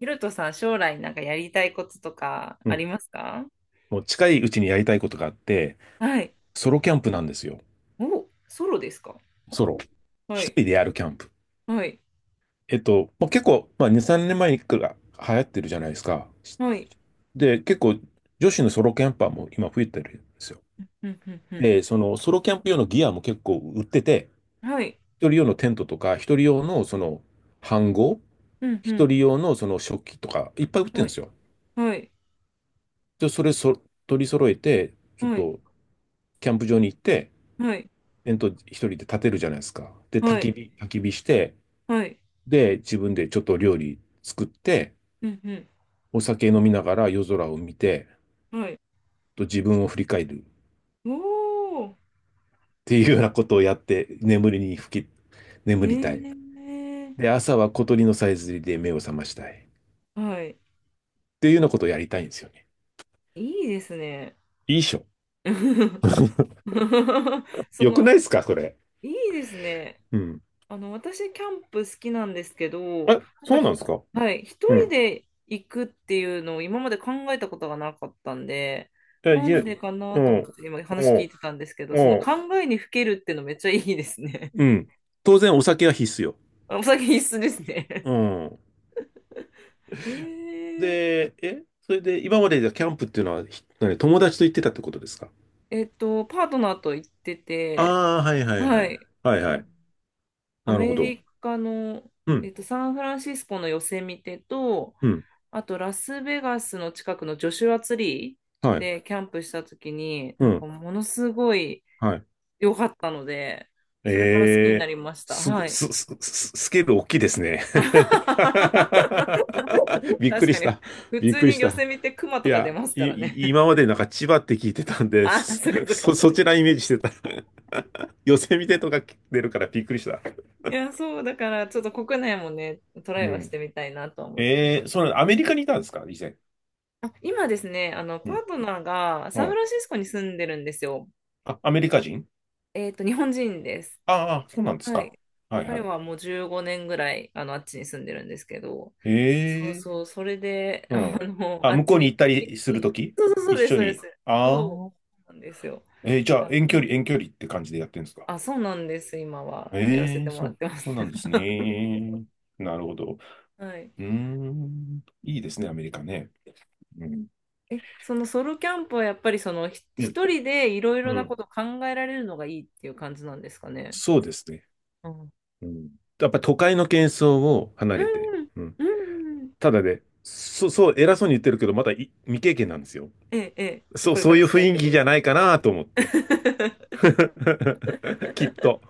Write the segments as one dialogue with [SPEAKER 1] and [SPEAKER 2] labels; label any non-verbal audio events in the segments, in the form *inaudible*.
[SPEAKER 1] ヒロトさん、将来なんかやりたいこととか
[SPEAKER 2] う
[SPEAKER 1] あり
[SPEAKER 2] ん。
[SPEAKER 1] ますか？
[SPEAKER 2] もう近いうちにやりたいことがあって、
[SPEAKER 1] はい。
[SPEAKER 2] ソロキャンプなんですよ。
[SPEAKER 1] お、ソロですか？
[SPEAKER 2] ソロ。
[SPEAKER 1] は
[SPEAKER 2] 一
[SPEAKER 1] い。
[SPEAKER 2] 人でやるキャンプ。
[SPEAKER 1] はい。
[SPEAKER 2] もう結構、まあ、2、3年前にさんねんまえから流行ってるじゃないですか。
[SPEAKER 1] はい。
[SPEAKER 2] で、結構、女子のソロキャンパーも今増えてるんですよ。
[SPEAKER 1] うん、うん、うん。
[SPEAKER 2] で、そのソロキャンプ用のギアも結構売ってて、
[SPEAKER 1] はい。
[SPEAKER 2] 一人用のテントとか、一人用の飯盒、
[SPEAKER 1] うん、う
[SPEAKER 2] 一
[SPEAKER 1] ん。
[SPEAKER 2] 人用のその食器とか、いっぱい売ってる
[SPEAKER 1] は
[SPEAKER 2] んで
[SPEAKER 1] い。
[SPEAKER 2] すよ。
[SPEAKER 1] はい。
[SPEAKER 2] で、それそ取り揃えて、ちょっ
[SPEAKER 1] はい。
[SPEAKER 2] と、キャンプ場に行って、
[SPEAKER 1] はい。
[SPEAKER 2] 煙突一人で立てるじゃないですか。で、焚
[SPEAKER 1] は
[SPEAKER 2] き
[SPEAKER 1] い。
[SPEAKER 2] 火、焚き火して、
[SPEAKER 1] はい。
[SPEAKER 2] で、自分でちょっと料理作って、
[SPEAKER 1] うん、う
[SPEAKER 2] お酒飲みながら夜空を見て、
[SPEAKER 1] ん。はい。
[SPEAKER 2] と自分を振り返るっ
[SPEAKER 1] おー。
[SPEAKER 2] ていうようなことをやって、眠りに吹き、
[SPEAKER 1] へ
[SPEAKER 2] 眠りたい。
[SPEAKER 1] え。
[SPEAKER 2] で、朝は小鳥のさえずりで目を覚ましたい、っ
[SPEAKER 1] はい。
[SPEAKER 2] ていうようなことをやりたいんですよね。
[SPEAKER 1] いいですね。
[SPEAKER 2] いいっしょ。
[SPEAKER 1] *laughs* そ
[SPEAKER 2] よく
[SPEAKER 1] の、
[SPEAKER 2] ないですか、それ。
[SPEAKER 1] いいですね。
[SPEAKER 2] うん。
[SPEAKER 1] 私、キャンプ好きなんですけど、
[SPEAKER 2] あ、
[SPEAKER 1] なんか
[SPEAKER 2] そうなんですか。
[SPEAKER 1] はい、一
[SPEAKER 2] う
[SPEAKER 1] 人
[SPEAKER 2] ん。
[SPEAKER 1] で行くっていうのを今まで考えたことがなかったんで、
[SPEAKER 2] え、い
[SPEAKER 1] な
[SPEAKER 2] や、
[SPEAKER 1] んでかな
[SPEAKER 2] う
[SPEAKER 1] と思っ
[SPEAKER 2] ん、
[SPEAKER 1] て今
[SPEAKER 2] う
[SPEAKER 1] 話聞い
[SPEAKER 2] ん、
[SPEAKER 1] てたんですけど、その
[SPEAKER 2] うん。
[SPEAKER 1] 考えにふけるっていうのめっちゃいいですね。
[SPEAKER 2] うん、当然お酒は必須よ。
[SPEAKER 1] *laughs* お酒必須ですね。
[SPEAKER 2] うん。
[SPEAKER 1] *laughs* へえ。
[SPEAKER 2] で、それで今までじゃキャンプっていうのは、何友達と行ってたってことですか？
[SPEAKER 1] パートナーと行ってて、
[SPEAKER 2] ああー、はいはいは
[SPEAKER 1] は
[SPEAKER 2] い。
[SPEAKER 1] い、
[SPEAKER 2] はいは
[SPEAKER 1] あ
[SPEAKER 2] い。
[SPEAKER 1] ア
[SPEAKER 2] なるほ
[SPEAKER 1] メ
[SPEAKER 2] ど。
[SPEAKER 1] リカの、
[SPEAKER 2] うん、
[SPEAKER 1] サンフランシスコのヨセミテと、
[SPEAKER 2] うん、
[SPEAKER 1] あと、ラスベガスの近くのジョシュアツリ
[SPEAKER 2] は
[SPEAKER 1] ー
[SPEAKER 2] い、
[SPEAKER 1] でキャンプした時に、
[SPEAKER 2] う
[SPEAKER 1] なんか
[SPEAKER 2] ん、
[SPEAKER 1] ものすごい
[SPEAKER 2] はい。
[SPEAKER 1] 良かったので、
[SPEAKER 2] え
[SPEAKER 1] それから好きにな
[SPEAKER 2] えー、
[SPEAKER 1] りました。
[SPEAKER 2] す
[SPEAKER 1] は
[SPEAKER 2] ご、
[SPEAKER 1] い。
[SPEAKER 2] す、す、すスケール大きいですね。*laughs*
[SPEAKER 1] *laughs*
[SPEAKER 2] びっく
[SPEAKER 1] 確
[SPEAKER 2] り
[SPEAKER 1] か
[SPEAKER 2] し
[SPEAKER 1] に、
[SPEAKER 2] た。
[SPEAKER 1] 普
[SPEAKER 2] びっ
[SPEAKER 1] 通
[SPEAKER 2] くり
[SPEAKER 1] に
[SPEAKER 2] し
[SPEAKER 1] 寄
[SPEAKER 2] た。
[SPEAKER 1] せ見てクマ
[SPEAKER 2] い
[SPEAKER 1] とか出
[SPEAKER 2] や、
[SPEAKER 1] ますからね。
[SPEAKER 2] 今
[SPEAKER 1] *laughs*
[SPEAKER 2] までなんか千葉って聞いてたんで
[SPEAKER 1] あ、
[SPEAKER 2] す。
[SPEAKER 1] そっかそっ
[SPEAKER 2] *laughs*
[SPEAKER 1] か。
[SPEAKER 2] そちらイメージしてた。*laughs* ヨセミテとか出るからびっくりした。
[SPEAKER 1] いや、そう、だから、ちょっと国内もね、トラ
[SPEAKER 2] う
[SPEAKER 1] イはして
[SPEAKER 2] ん。
[SPEAKER 1] みたいなとは思ってま
[SPEAKER 2] え
[SPEAKER 1] す。
[SPEAKER 2] えー、アメリカにいたんですか以前？
[SPEAKER 1] あ、今ですね、パートナーが
[SPEAKER 2] う
[SPEAKER 1] サンフ
[SPEAKER 2] ん。
[SPEAKER 1] ランシスコに住んでるんですよ。
[SPEAKER 2] あ、アメリカ人？
[SPEAKER 1] 日本人です。
[SPEAKER 2] ああ、そうなんです
[SPEAKER 1] は
[SPEAKER 2] か。
[SPEAKER 1] い。
[SPEAKER 2] はいは
[SPEAKER 1] 彼
[SPEAKER 2] い。
[SPEAKER 1] はもう15年ぐらい、あっちに住んでるんですけど、
[SPEAKER 2] へ
[SPEAKER 1] そう
[SPEAKER 2] え、
[SPEAKER 1] そう、それで、
[SPEAKER 2] うん。
[SPEAKER 1] *laughs*
[SPEAKER 2] あ、
[SPEAKER 1] あっ
[SPEAKER 2] 向
[SPEAKER 1] ち
[SPEAKER 2] こう
[SPEAKER 1] に
[SPEAKER 2] に行
[SPEAKER 1] 行
[SPEAKER 2] った
[SPEAKER 1] くと
[SPEAKER 2] り
[SPEAKER 1] き
[SPEAKER 2] する
[SPEAKER 1] に、
[SPEAKER 2] とき
[SPEAKER 1] そうそうそう
[SPEAKER 2] 一
[SPEAKER 1] です、
[SPEAKER 2] 緒
[SPEAKER 1] そうです。
[SPEAKER 2] に。
[SPEAKER 1] そう、
[SPEAKER 2] あ
[SPEAKER 1] そ
[SPEAKER 2] あ、
[SPEAKER 1] うなんですよ。
[SPEAKER 2] じゃあ
[SPEAKER 1] 多
[SPEAKER 2] 遠距
[SPEAKER 1] 分、
[SPEAKER 2] 離、遠距離って感じでやってるんですか？
[SPEAKER 1] あ、そうなんです、今は、やらせ
[SPEAKER 2] え
[SPEAKER 1] て
[SPEAKER 2] え、
[SPEAKER 1] も
[SPEAKER 2] そ
[SPEAKER 1] らっ
[SPEAKER 2] う、
[SPEAKER 1] てます。
[SPEAKER 2] そうなんで
[SPEAKER 1] *laughs*
[SPEAKER 2] すね。なるほど。う
[SPEAKER 1] はい。
[SPEAKER 2] ーん、いいですね、アメリカね。うん。
[SPEAKER 1] え、そのソロキャンプはやっぱり
[SPEAKER 2] うん、
[SPEAKER 1] 一人でいろいろ
[SPEAKER 2] う
[SPEAKER 1] な
[SPEAKER 2] ん、
[SPEAKER 1] ことを考えられるのがいいっていう感じなんですかね？
[SPEAKER 2] そうですね。
[SPEAKER 1] うん。
[SPEAKER 2] うん。やっぱ都会の喧騒を離
[SPEAKER 1] う
[SPEAKER 2] れて。
[SPEAKER 1] ん、
[SPEAKER 2] うん。
[SPEAKER 1] うん、うん。
[SPEAKER 2] ただね、そう、そう、偉そうに言ってるけど、まだ未経験なんですよ。
[SPEAKER 1] ええ、ええ。
[SPEAKER 2] そう、
[SPEAKER 1] これ
[SPEAKER 2] そ
[SPEAKER 1] か
[SPEAKER 2] うい
[SPEAKER 1] ら
[SPEAKER 2] う
[SPEAKER 1] したいっ
[SPEAKER 2] 雰囲
[SPEAKER 1] てこ
[SPEAKER 2] 気
[SPEAKER 1] とで
[SPEAKER 2] じゃ
[SPEAKER 1] す
[SPEAKER 2] な
[SPEAKER 1] ね。
[SPEAKER 2] いかなと思って。
[SPEAKER 1] *laughs*
[SPEAKER 2] *laughs* きっと。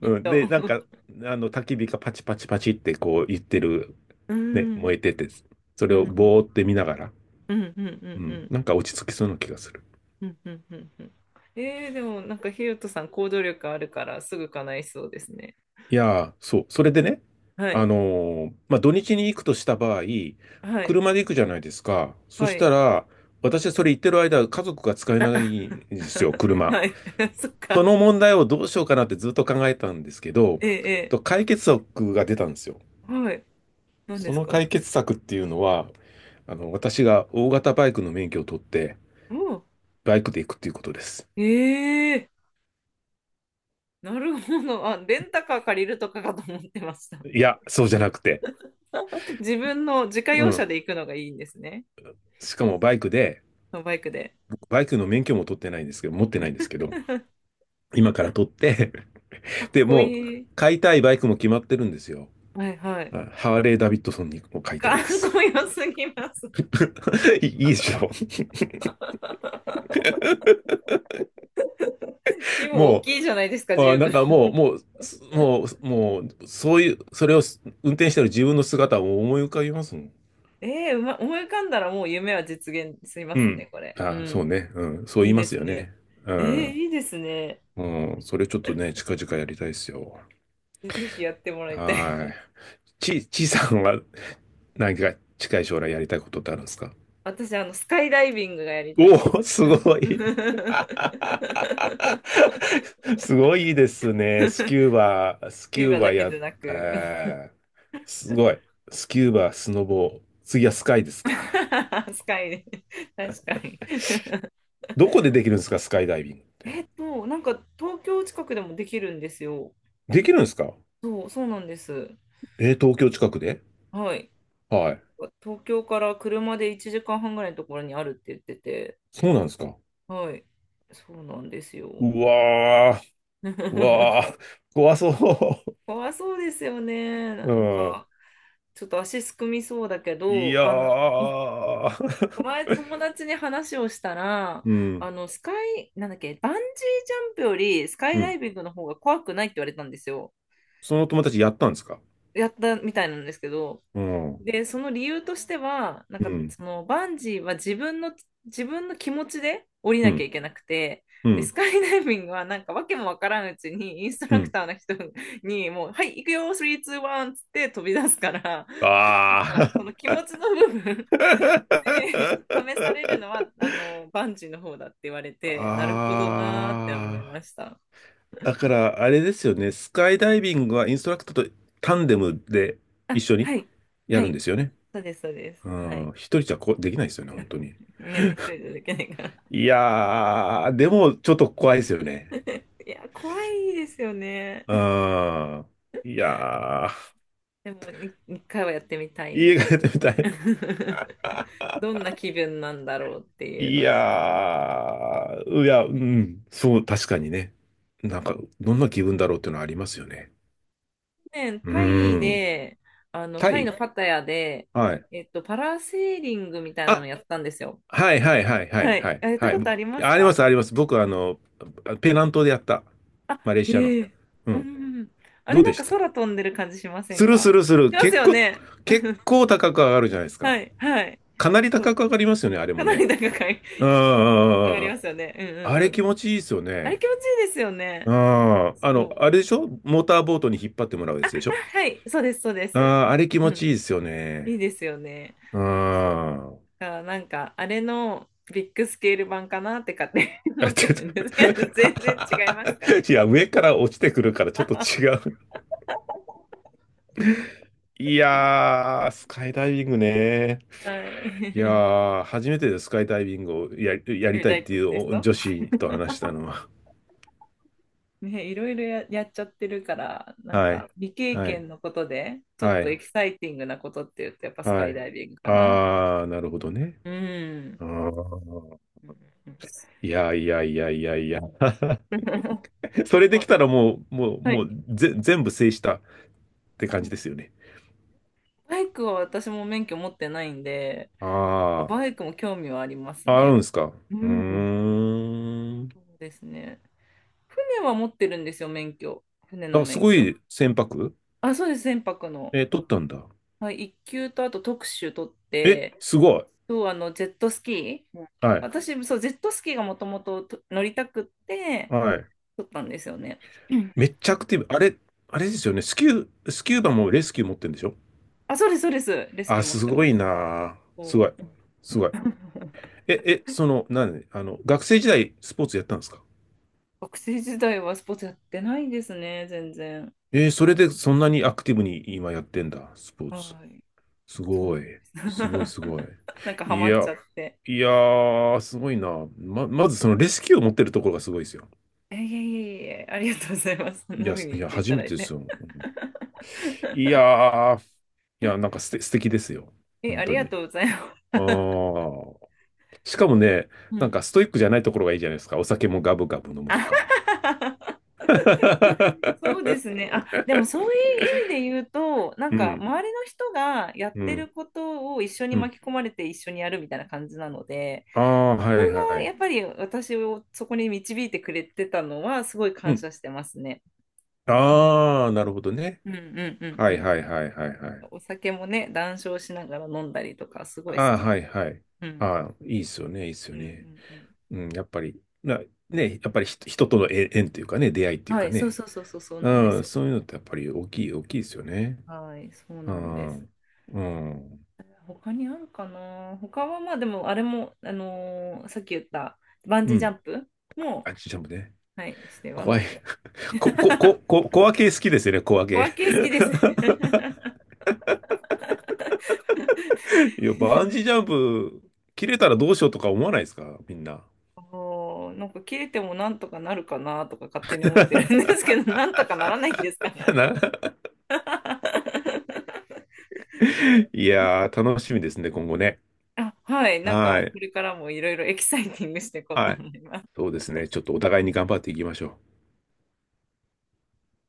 [SPEAKER 1] きっ
[SPEAKER 2] うん、
[SPEAKER 1] と。
[SPEAKER 2] で、なんか、焚き火がパチパチパチってこう言ってる、
[SPEAKER 1] う
[SPEAKER 2] ね、
[SPEAKER 1] ん、
[SPEAKER 2] 燃えてて、そ
[SPEAKER 1] う
[SPEAKER 2] れをぼー
[SPEAKER 1] ん。
[SPEAKER 2] って見ながら、
[SPEAKER 1] うんうんう
[SPEAKER 2] うん、
[SPEAKER 1] ん
[SPEAKER 2] なんか落ち着きそうな気がする。
[SPEAKER 1] うんうんうんうんうん。でもなんかひよとさん行動力あるからすぐ叶いそうですね。
[SPEAKER 2] いやー、そう、それでね、
[SPEAKER 1] は
[SPEAKER 2] あ
[SPEAKER 1] い
[SPEAKER 2] のまあ、土日に行くとした場合、
[SPEAKER 1] はい
[SPEAKER 2] 車で行くじゃないですか。そ
[SPEAKER 1] は
[SPEAKER 2] し
[SPEAKER 1] い
[SPEAKER 2] たら、私それ行ってる間、家族が使えないんですよ、
[SPEAKER 1] *laughs*
[SPEAKER 2] 車。
[SPEAKER 1] はい *laughs* そっ
[SPEAKER 2] そ
[SPEAKER 1] か。
[SPEAKER 2] の問題をどうしようかなってずっと考えたんですけど、
[SPEAKER 1] ええ
[SPEAKER 2] と解決策が出たんですよ。
[SPEAKER 1] ええはい。何で
[SPEAKER 2] そ
[SPEAKER 1] す
[SPEAKER 2] の
[SPEAKER 1] か？
[SPEAKER 2] 解決策っていうのは、私が大型バイクの免許を取って、
[SPEAKER 1] おう。
[SPEAKER 2] バイクで行くっていうことです。
[SPEAKER 1] ええ。なるほど。あ、レンタカー借りるとかかと思ってました。
[SPEAKER 2] いや、そうじゃなくて、
[SPEAKER 1] *laughs* 自分の自家
[SPEAKER 2] う
[SPEAKER 1] 用車
[SPEAKER 2] ん。
[SPEAKER 1] で行くのがいいんですね。
[SPEAKER 2] しかもバイクで、
[SPEAKER 1] バイクで。
[SPEAKER 2] 僕バイクの免許も取ってないんですけど、持ってないんですけど、今から取って
[SPEAKER 1] かっ
[SPEAKER 2] *laughs* で、
[SPEAKER 1] こ
[SPEAKER 2] もう、
[SPEAKER 1] いい。
[SPEAKER 2] 買いたいバイクも決まってるんですよ。
[SPEAKER 1] はいはい。
[SPEAKER 2] あ、ハーレー・ダビッドソンにも買いた
[SPEAKER 1] か
[SPEAKER 2] い
[SPEAKER 1] っ
[SPEAKER 2] んで
[SPEAKER 1] こ
[SPEAKER 2] す。
[SPEAKER 1] よすぎます。*laughs*
[SPEAKER 2] *laughs* いいいでしょ。
[SPEAKER 1] 規模大
[SPEAKER 2] も
[SPEAKER 1] きいじゃないですか、
[SPEAKER 2] う、あ、
[SPEAKER 1] 十
[SPEAKER 2] なん
[SPEAKER 1] 分。
[SPEAKER 2] かもう、もう、すもう、もう、そういう、それを運転してる自分の姿を思い浮かびますもん。
[SPEAKER 1] ええ。思い浮かんだらもう夢は実現しま
[SPEAKER 2] う
[SPEAKER 1] すね、
[SPEAKER 2] ん。
[SPEAKER 1] これ。う
[SPEAKER 2] あ、そう
[SPEAKER 1] ん。
[SPEAKER 2] ね。うん。そう
[SPEAKER 1] い
[SPEAKER 2] 言
[SPEAKER 1] い
[SPEAKER 2] いま
[SPEAKER 1] で
[SPEAKER 2] す
[SPEAKER 1] す
[SPEAKER 2] よ
[SPEAKER 1] ね。
[SPEAKER 2] ね。う
[SPEAKER 1] ええ。
[SPEAKER 2] ん。
[SPEAKER 1] いいですね。
[SPEAKER 2] うん。それちょっとね、近々やりたいですよ。
[SPEAKER 1] え、ぜひやってもらいたい
[SPEAKER 2] は
[SPEAKER 1] です。
[SPEAKER 2] い。ちいさんは *laughs* 何か近い将来やりたいことってあるんですか？
[SPEAKER 1] 私、スカイダイビングがやりたいで
[SPEAKER 2] お
[SPEAKER 1] す。
[SPEAKER 2] お、すごい。
[SPEAKER 1] *laughs*
[SPEAKER 2] *laughs* すごいですね。スキューバ、スキ
[SPEAKER 1] ビー
[SPEAKER 2] ュ
[SPEAKER 1] バ
[SPEAKER 2] ー
[SPEAKER 1] ーだ
[SPEAKER 2] バ
[SPEAKER 1] け
[SPEAKER 2] や、
[SPEAKER 1] でなく、
[SPEAKER 2] えー、すごい。スキューバ、スノボー。次はスカイですか？
[SPEAKER 1] *laughs* スカイで。確かに。
[SPEAKER 2] どこでできるんですか、スカイダイビングって？
[SPEAKER 1] なんか、東京近くでもできるんですよ。
[SPEAKER 2] できるんですか？
[SPEAKER 1] そう、そうなんです。
[SPEAKER 2] 東京近くで？
[SPEAKER 1] はい。
[SPEAKER 2] はい。
[SPEAKER 1] 東京から車で1時間半ぐらいのところにあるって言ってて、
[SPEAKER 2] そうなんですか。
[SPEAKER 1] はい。そうなんですよ。
[SPEAKER 2] うわー、うわ
[SPEAKER 1] *laughs*
[SPEAKER 2] ー、怖そ
[SPEAKER 1] かわいそうですよね。
[SPEAKER 2] う。
[SPEAKER 1] なん
[SPEAKER 2] うん。
[SPEAKER 1] か、ちょっと足すくみそうだけ
[SPEAKER 2] い
[SPEAKER 1] ど、
[SPEAKER 2] やー。
[SPEAKER 1] 前友
[SPEAKER 2] *laughs*
[SPEAKER 1] 達に話をしたら、
[SPEAKER 2] うん、
[SPEAKER 1] スカイ、なんだっけ、バンジージャンプよりスカイ
[SPEAKER 2] う
[SPEAKER 1] ダ
[SPEAKER 2] ん。
[SPEAKER 1] イビングの方が怖くないって言われたんですよ。
[SPEAKER 2] その友達やったんですか？
[SPEAKER 1] やったみたいなんですけど、
[SPEAKER 2] うん、うん、
[SPEAKER 1] で、その理由としては、なんか
[SPEAKER 2] う
[SPEAKER 1] そのバンジーは自分の気持ちで降りなきゃ
[SPEAKER 2] ん、
[SPEAKER 1] いけなくて、
[SPEAKER 2] う
[SPEAKER 1] で、ス
[SPEAKER 2] ん、
[SPEAKER 1] カイダイビングはなんかわけもわからんうちにインスト
[SPEAKER 2] う
[SPEAKER 1] ラク
[SPEAKER 2] ん。
[SPEAKER 1] ターの人にもう、はい、行くよ、スリー、ツー、ワンっつって飛び出すから、
[SPEAKER 2] あ
[SPEAKER 1] なんかその
[SPEAKER 2] ー。
[SPEAKER 1] 気持ちの部分で *laughs* 試されるの
[SPEAKER 2] *laughs*
[SPEAKER 1] は、バンジーの方だって言われて、なるほどなーって思いま
[SPEAKER 2] あ
[SPEAKER 1] した。
[SPEAKER 2] ー。だから、あれですよね。スカイダイビングはインストラクターとタンデムで一
[SPEAKER 1] あ、
[SPEAKER 2] 緒に
[SPEAKER 1] はい、
[SPEAKER 2] や
[SPEAKER 1] は
[SPEAKER 2] るん
[SPEAKER 1] い、
[SPEAKER 2] ですよね。
[SPEAKER 1] そうです、そうです。
[SPEAKER 2] う
[SPEAKER 1] は
[SPEAKER 2] ん。
[SPEAKER 1] い。
[SPEAKER 2] 一人じゃこうできないですよね、本当に。
[SPEAKER 1] ね、一人じゃできないから。
[SPEAKER 2] いやー、でもちょっと怖いですよね。
[SPEAKER 1] いや、怖いですよね。
[SPEAKER 2] うーん。いやー、
[SPEAKER 1] でも、1回はやってみたいっ
[SPEAKER 2] 家帰
[SPEAKER 1] て
[SPEAKER 2] って
[SPEAKER 1] い
[SPEAKER 2] みた
[SPEAKER 1] う。
[SPEAKER 2] い。
[SPEAKER 1] *laughs* どんな気分なんだろうっていう
[SPEAKER 2] い
[SPEAKER 1] ので。
[SPEAKER 2] やー、いや、うん、そう、確かにね。なんか、どんな気分だろうっていうのはありますよね。
[SPEAKER 1] 去年、
[SPEAKER 2] う
[SPEAKER 1] タ
[SPEAKER 2] ー
[SPEAKER 1] イ
[SPEAKER 2] ん。
[SPEAKER 1] で、
[SPEAKER 2] タ
[SPEAKER 1] タイの
[SPEAKER 2] イ。
[SPEAKER 1] パタヤで、
[SPEAKER 2] はい。
[SPEAKER 1] パラセーリングみたいなの
[SPEAKER 2] あ、
[SPEAKER 1] やったんですよ。
[SPEAKER 2] はいはいはいは
[SPEAKER 1] は
[SPEAKER 2] いは
[SPEAKER 1] い。
[SPEAKER 2] い。
[SPEAKER 1] あ、やった
[SPEAKER 2] はい。
[SPEAKER 1] ことあります
[SPEAKER 2] あり
[SPEAKER 1] か？
[SPEAKER 2] ますあります。僕、ペナントでやった。
[SPEAKER 1] あ、
[SPEAKER 2] マレーシアの。
[SPEAKER 1] へえ。
[SPEAKER 2] う
[SPEAKER 1] う
[SPEAKER 2] ん。
[SPEAKER 1] ん。あ
[SPEAKER 2] ど
[SPEAKER 1] れ
[SPEAKER 2] う
[SPEAKER 1] な
[SPEAKER 2] で
[SPEAKER 1] ん
[SPEAKER 2] し
[SPEAKER 1] か
[SPEAKER 2] た？
[SPEAKER 1] 空飛んでる感じしません
[SPEAKER 2] するす
[SPEAKER 1] か？
[SPEAKER 2] るする。
[SPEAKER 1] します
[SPEAKER 2] 結
[SPEAKER 1] よ
[SPEAKER 2] 構、
[SPEAKER 1] ね。
[SPEAKER 2] 結
[SPEAKER 1] *laughs*
[SPEAKER 2] 構高く上がるじゃないですか。
[SPEAKER 1] はい、はい。
[SPEAKER 2] かなり
[SPEAKER 1] そ
[SPEAKER 2] 高く
[SPEAKER 1] う。
[SPEAKER 2] 上がりますよね、あれ
[SPEAKER 1] か
[SPEAKER 2] も
[SPEAKER 1] な
[SPEAKER 2] ね。
[SPEAKER 1] り高い
[SPEAKER 2] うん、
[SPEAKER 1] *laughs* 上がりますよね。うんう
[SPEAKER 2] あ
[SPEAKER 1] ん
[SPEAKER 2] れ
[SPEAKER 1] う
[SPEAKER 2] 気
[SPEAKER 1] ん。
[SPEAKER 2] 持ちいいですよ
[SPEAKER 1] あれ
[SPEAKER 2] ね。
[SPEAKER 1] 気持ちいいですよ
[SPEAKER 2] う
[SPEAKER 1] ね。
[SPEAKER 2] ん。
[SPEAKER 1] そう。
[SPEAKER 2] あれでしょ？モーターボートに引っ張ってもらうやつでしょ？
[SPEAKER 1] はい、そうです、そうで
[SPEAKER 2] あ
[SPEAKER 1] す。
[SPEAKER 2] あ、あれ気
[SPEAKER 1] う
[SPEAKER 2] 持ち
[SPEAKER 1] ん、
[SPEAKER 2] いいですよ
[SPEAKER 1] い
[SPEAKER 2] ね。
[SPEAKER 1] いですよね。
[SPEAKER 2] うん。
[SPEAKER 1] そ
[SPEAKER 2] *laughs*
[SPEAKER 1] う。だからなんか、あれのビッグスケール版かなって勝手に *laughs* 思
[SPEAKER 2] あ、
[SPEAKER 1] って
[SPEAKER 2] ちょ
[SPEAKER 1] るんで
[SPEAKER 2] っ
[SPEAKER 1] すけど、全然違いますかね？
[SPEAKER 2] と *laughs* いや、上から落ちてくるからちょっと違う。いやー、スカイダイビングね。
[SPEAKER 1] は
[SPEAKER 2] いや
[SPEAKER 1] い。*laughs*
[SPEAKER 2] ー、初めてでスカイダイビングをや、やり
[SPEAKER 1] 見
[SPEAKER 2] たいっ
[SPEAKER 1] たいって
[SPEAKER 2] てい
[SPEAKER 1] 言ってる
[SPEAKER 2] う
[SPEAKER 1] 人
[SPEAKER 2] 女子と話したのは。
[SPEAKER 1] ね、いろいろやっちゃってるから、なん
[SPEAKER 2] は
[SPEAKER 1] か
[SPEAKER 2] い。
[SPEAKER 1] 未経
[SPEAKER 2] はい。
[SPEAKER 1] 験のことで、ちょっ
[SPEAKER 2] は
[SPEAKER 1] とエキ
[SPEAKER 2] い。
[SPEAKER 1] サイティングなことって言うと、やっぱスカ
[SPEAKER 2] は
[SPEAKER 1] イ
[SPEAKER 2] い。
[SPEAKER 1] ダイビングかなって感
[SPEAKER 2] あ
[SPEAKER 1] じ。
[SPEAKER 2] ー、なるほどね。
[SPEAKER 1] うん。
[SPEAKER 2] あー
[SPEAKER 1] うんう
[SPEAKER 2] いやいやいやいやいや。*laughs*
[SPEAKER 1] ん *laughs*
[SPEAKER 2] それ
[SPEAKER 1] ま
[SPEAKER 2] できたらもう、もう、
[SPEAKER 1] あ、は
[SPEAKER 2] も
[SPEAKER 1] い。
[SPEAKER 2] うぜ、全部制したって感じですよね。
[SPEAKER 1] バイクは私も免許持ってないんで、
[SPEAKER 2] あ
[SPEAKER 1] バイクも興味はあります
[SPEAKER 2] あ、あ
[SPEAKER 1] ね。
[SPEAKER 2] るんですか。
[SPEAKER 1] う
[SPEAKER 2] う
[SPEAKER 1] ん。
[SPEAKER 2] ーん。
[SPEAKER 1] そうですね。船は持ってるんですよ、免許。船の
[SPEAKER 2] あ、す
[SPEAKER 1] 免
[SPEAKER 2] ご
[SPEAKER 1] 許。
[SPEAKER 2] い船舶
[SPEAKER 1] あ、そうです、船舶の。
[SPEAKER 2] 取ったんだ。
[SPEAKER 1] はい、いっ級とあと特殊取っ
[SPEAKER 2] え、
[SPEAKER 1] て、
[SPEAKER 2] すごい。
[SPEAKER 1] そう、ジェットスキー。うん。
[SPEAKER 2] はい。
[SPEAKER 1] 私、そう、ジェットスキーがもともと乗りたくって、
[SPEAKER 2] はい。
[SPEAKER 1] 取ったんですよね。うん。
[SPEAKER 2] めっちゃアクティブ。あれですよね。スキューバもレスキュー持ってるんでしょ？
[SPEAKER 1] あ、そうです、そうです。レスキ
[SPEAKER 2] あ、
[SPEAKER 1] ュー持っ
[SPEAKER 2] す
[SPEAKER 1] て
[SPEAKER 2] ご
[SPEAKER 1] ま
[SPEAKER 2] い
[SPEAKER 1] す。
[SPEAKER 2] なあ。すご
[SPEAKER 1] そ
[SPEAKER 2] い。
[SPEAKER 1] う。
[SPEAKER 2] すごい。
[SPEAKER 1] *laughs*
[SPEAKER 2] なんで、学生時代スポーツやったんですか？
[SPEAKER 1] 学生時代はスポーツやってないですね、全然。
[SPEAKER 2] それでそんなにアクティブに今やってんだ、スポーツ。
[SPEAKER 1] はい。
[SPEAKER 2] す
[SPEAKER 1] そう
[SPEAKER 2] ご
[SPEAKER 1] な
[SPEAKER 2] い。
[SPEAKER 1] んです。
[SPEAKER 2] すごい、すごい。
[SPEAKER 1] *laughs* なんかハ
[SPEAKER 2] い
[SPEAKER 1] マっち
[SPEAKER 2] や、
[SPEAKER 1] ゃって。
[SPEAKER 2] いやー、すごいな。まずそのレスキューを持ってるところがすごいですよ。
[SPEAKER 1] えいえいえいえ、ありがとうございます。そん
[SPEAKER 2] い
[SPEAKER 1] な
[SPEAKER 2] や、
[SPEAKER 1] 風
[SPEAKER 2] す
[SPEAKER 1] に
[SPEAKER 2] い
[SPEAKER 1] 言っ
[SPEAKER 2] や、
[SPEAKER 1] てい
[SPEAKER 2] 初
[SPEAKER 1] た
[SPEAKER 2] め
[SPEAKER 1] だい
[SPEAKER 2] てです
[SPEAKER 1] て。
[SPEAKER 2] よ。うん、いやー、いや、なんか素敵ですよ。
[SPEAKER 1] え、
[SPEAKER 2] 本
[SPEAKER 1] あり
[SPEAKER 2] 当
[SPEAKER 1] が
[SPEAKER 2] に。
[SPEAKER 1] とうございます。
[SPEAKER 2] あ
[SPEAKER 1] *laughs*
[SPEAKER 2] あ、しかも
[SPEAKER 1] そ
[SPEAKER 2] ね、
[SPEAKER 1] う、う
[SPEAKER 2] なん
[SPEAKER 1] ん。
[SPEAKER 2] かストイックじゃないところがいいじゃないですか。お酒もガブガブ飲むと
[SPEAKER 1] あ
[SPEAKER 2] か。
[SPEAKER 1] *laughs* そうですね。あ、でもそういう
[SPEAKER 2] *laughs*
[SPEAKER 1] 意味で言うと、なん
[SPEAKER 2] う
[SPEAKER 1] か
[SPEAKER 2] ん、
[SPEAKER 1] 周りの人がやっ
[SPEAKER 2] う
[SPEAKER 1] てる
[SPEAKER 2] ん、
[SPEAKER 1] ことを一緒に
[SPEAKER 2] うん。
[SPEAKER 1] 巻き込まれて一緒にやるみたいな感じなので、
[SPEAKER 2] ああ、は
[SPEAKER 1] 人
[SPEAKER 2] いは
[SPEAKER 1] が
[SPEAKER 2] い。
[SPEAKER 1] やっぱり私をそこに導いてくれてたのはすごい
[SPEAKER 2] う
[SPEAKER 1] 感
[SPEAKER 2] ん。
[SPEAKER 1] 謝してますね。うん
[SPEAKER 2] ああ、なるほどね。
[SPEAKER 1] うんうんうん
[SPEAKER 2] は
[SPEAKER 1] う
[SPEAKER 2] い
[SPEAKER 1] ん。
[SPEAKER 2] はいはいはいはい。
[SPEAKER 1] お酒もね、談笑しながら飲んだりとかすごい好
[SPEAKER 2] ああ、
[SPEAKER 1] き
[SPEAKER 2] は
[SPEAKER 1] で。
[SPEAKER 2] いはい。
[SPEAKER 1] う
[SPEAKER 2] あ
[SPEAKER 1] ん。
[SPEAKER 2] あ、いいっすよね、いいっす
[SPEAKER 1] う
[SPEAKER 2] よ
[SPEAKER 1] んう
[SPEAKER 2] ね。
[SPEAKER 1] んうん。
[SPEAKER 2] うん、やっぱり、ね、やっぱり人との縁というかね、出会いっていう
[SPEAKER 1] は
[SPEAKER 2] か
[SPEAKER 1] い、そう
[SPEAKER 2] ね。
[SPEAKER 1] そうそうそうそうなんで
[SPEAKER 2] う
[SPEAKER 1] す
[SPEAKER 2] ん、
[SPEAKER 1] よ。
[SPEAKER 2] そういうのってやっぱり大きい、大きいですよね。
[SPEAKER 1] はい、そう
[SPEAKER 2] う
[SPEAKER 1] なんです。
[SPEAKER 2] ん、うん、
[SPEAKER 1] 他にあるかな？他はまあでもあれも、さっき言ったバン
[SPEAKER 2] う
[SPEAKER 1] ジージャ
[SPEAKER 2] ん。
[SPEAKER 1] ンプも、
[SPEAKER 2] あ、ちっちゃんもね。
[SPEAKER 1] はい、してはみ
[SPEAKER 2] 怖い。
[SPEAKER 1] たいな。
[SPEAKER 2] *laughs* こ、こ、こ、こ、小分け好きですよね、小
[SPEAKER 1] 小
[SPEAKER 2] 分け。
[SPEAKER 1] 分け好きですね。
[SPEAKER 2] *laughs* いや、バンジージャンプ、切れたらどうしようとか思わないですか、みんな？
[SPEAKER 1] *laughs* おー、なんか切れてもなんとかなるかなとか勝手に思ってるんで
[SPEAKER 2] *laughs*
[SPEAKER 1] すけど、*laughs* なんとかならないんですかね、あれ。
[SPEAKER 2] な
[SPEAKER 1] *laughs* はい、
[SPEAKER 2] いやー、楽しみですね、今後ね。
[SPEAKER 1] あ、はい、なん
[SPEAKER 2] は
[SPEAKER 1] かこ
[SPEAKER 2] い。
[SPEAKER 1] れからもいろいろエキサイティングしていこうと
[SPEAKER 2] はい。
[SPEAKER 1] 思います。
[SPEAKER 2] そうですね。ちょっとお互いに頑張っていきましょう。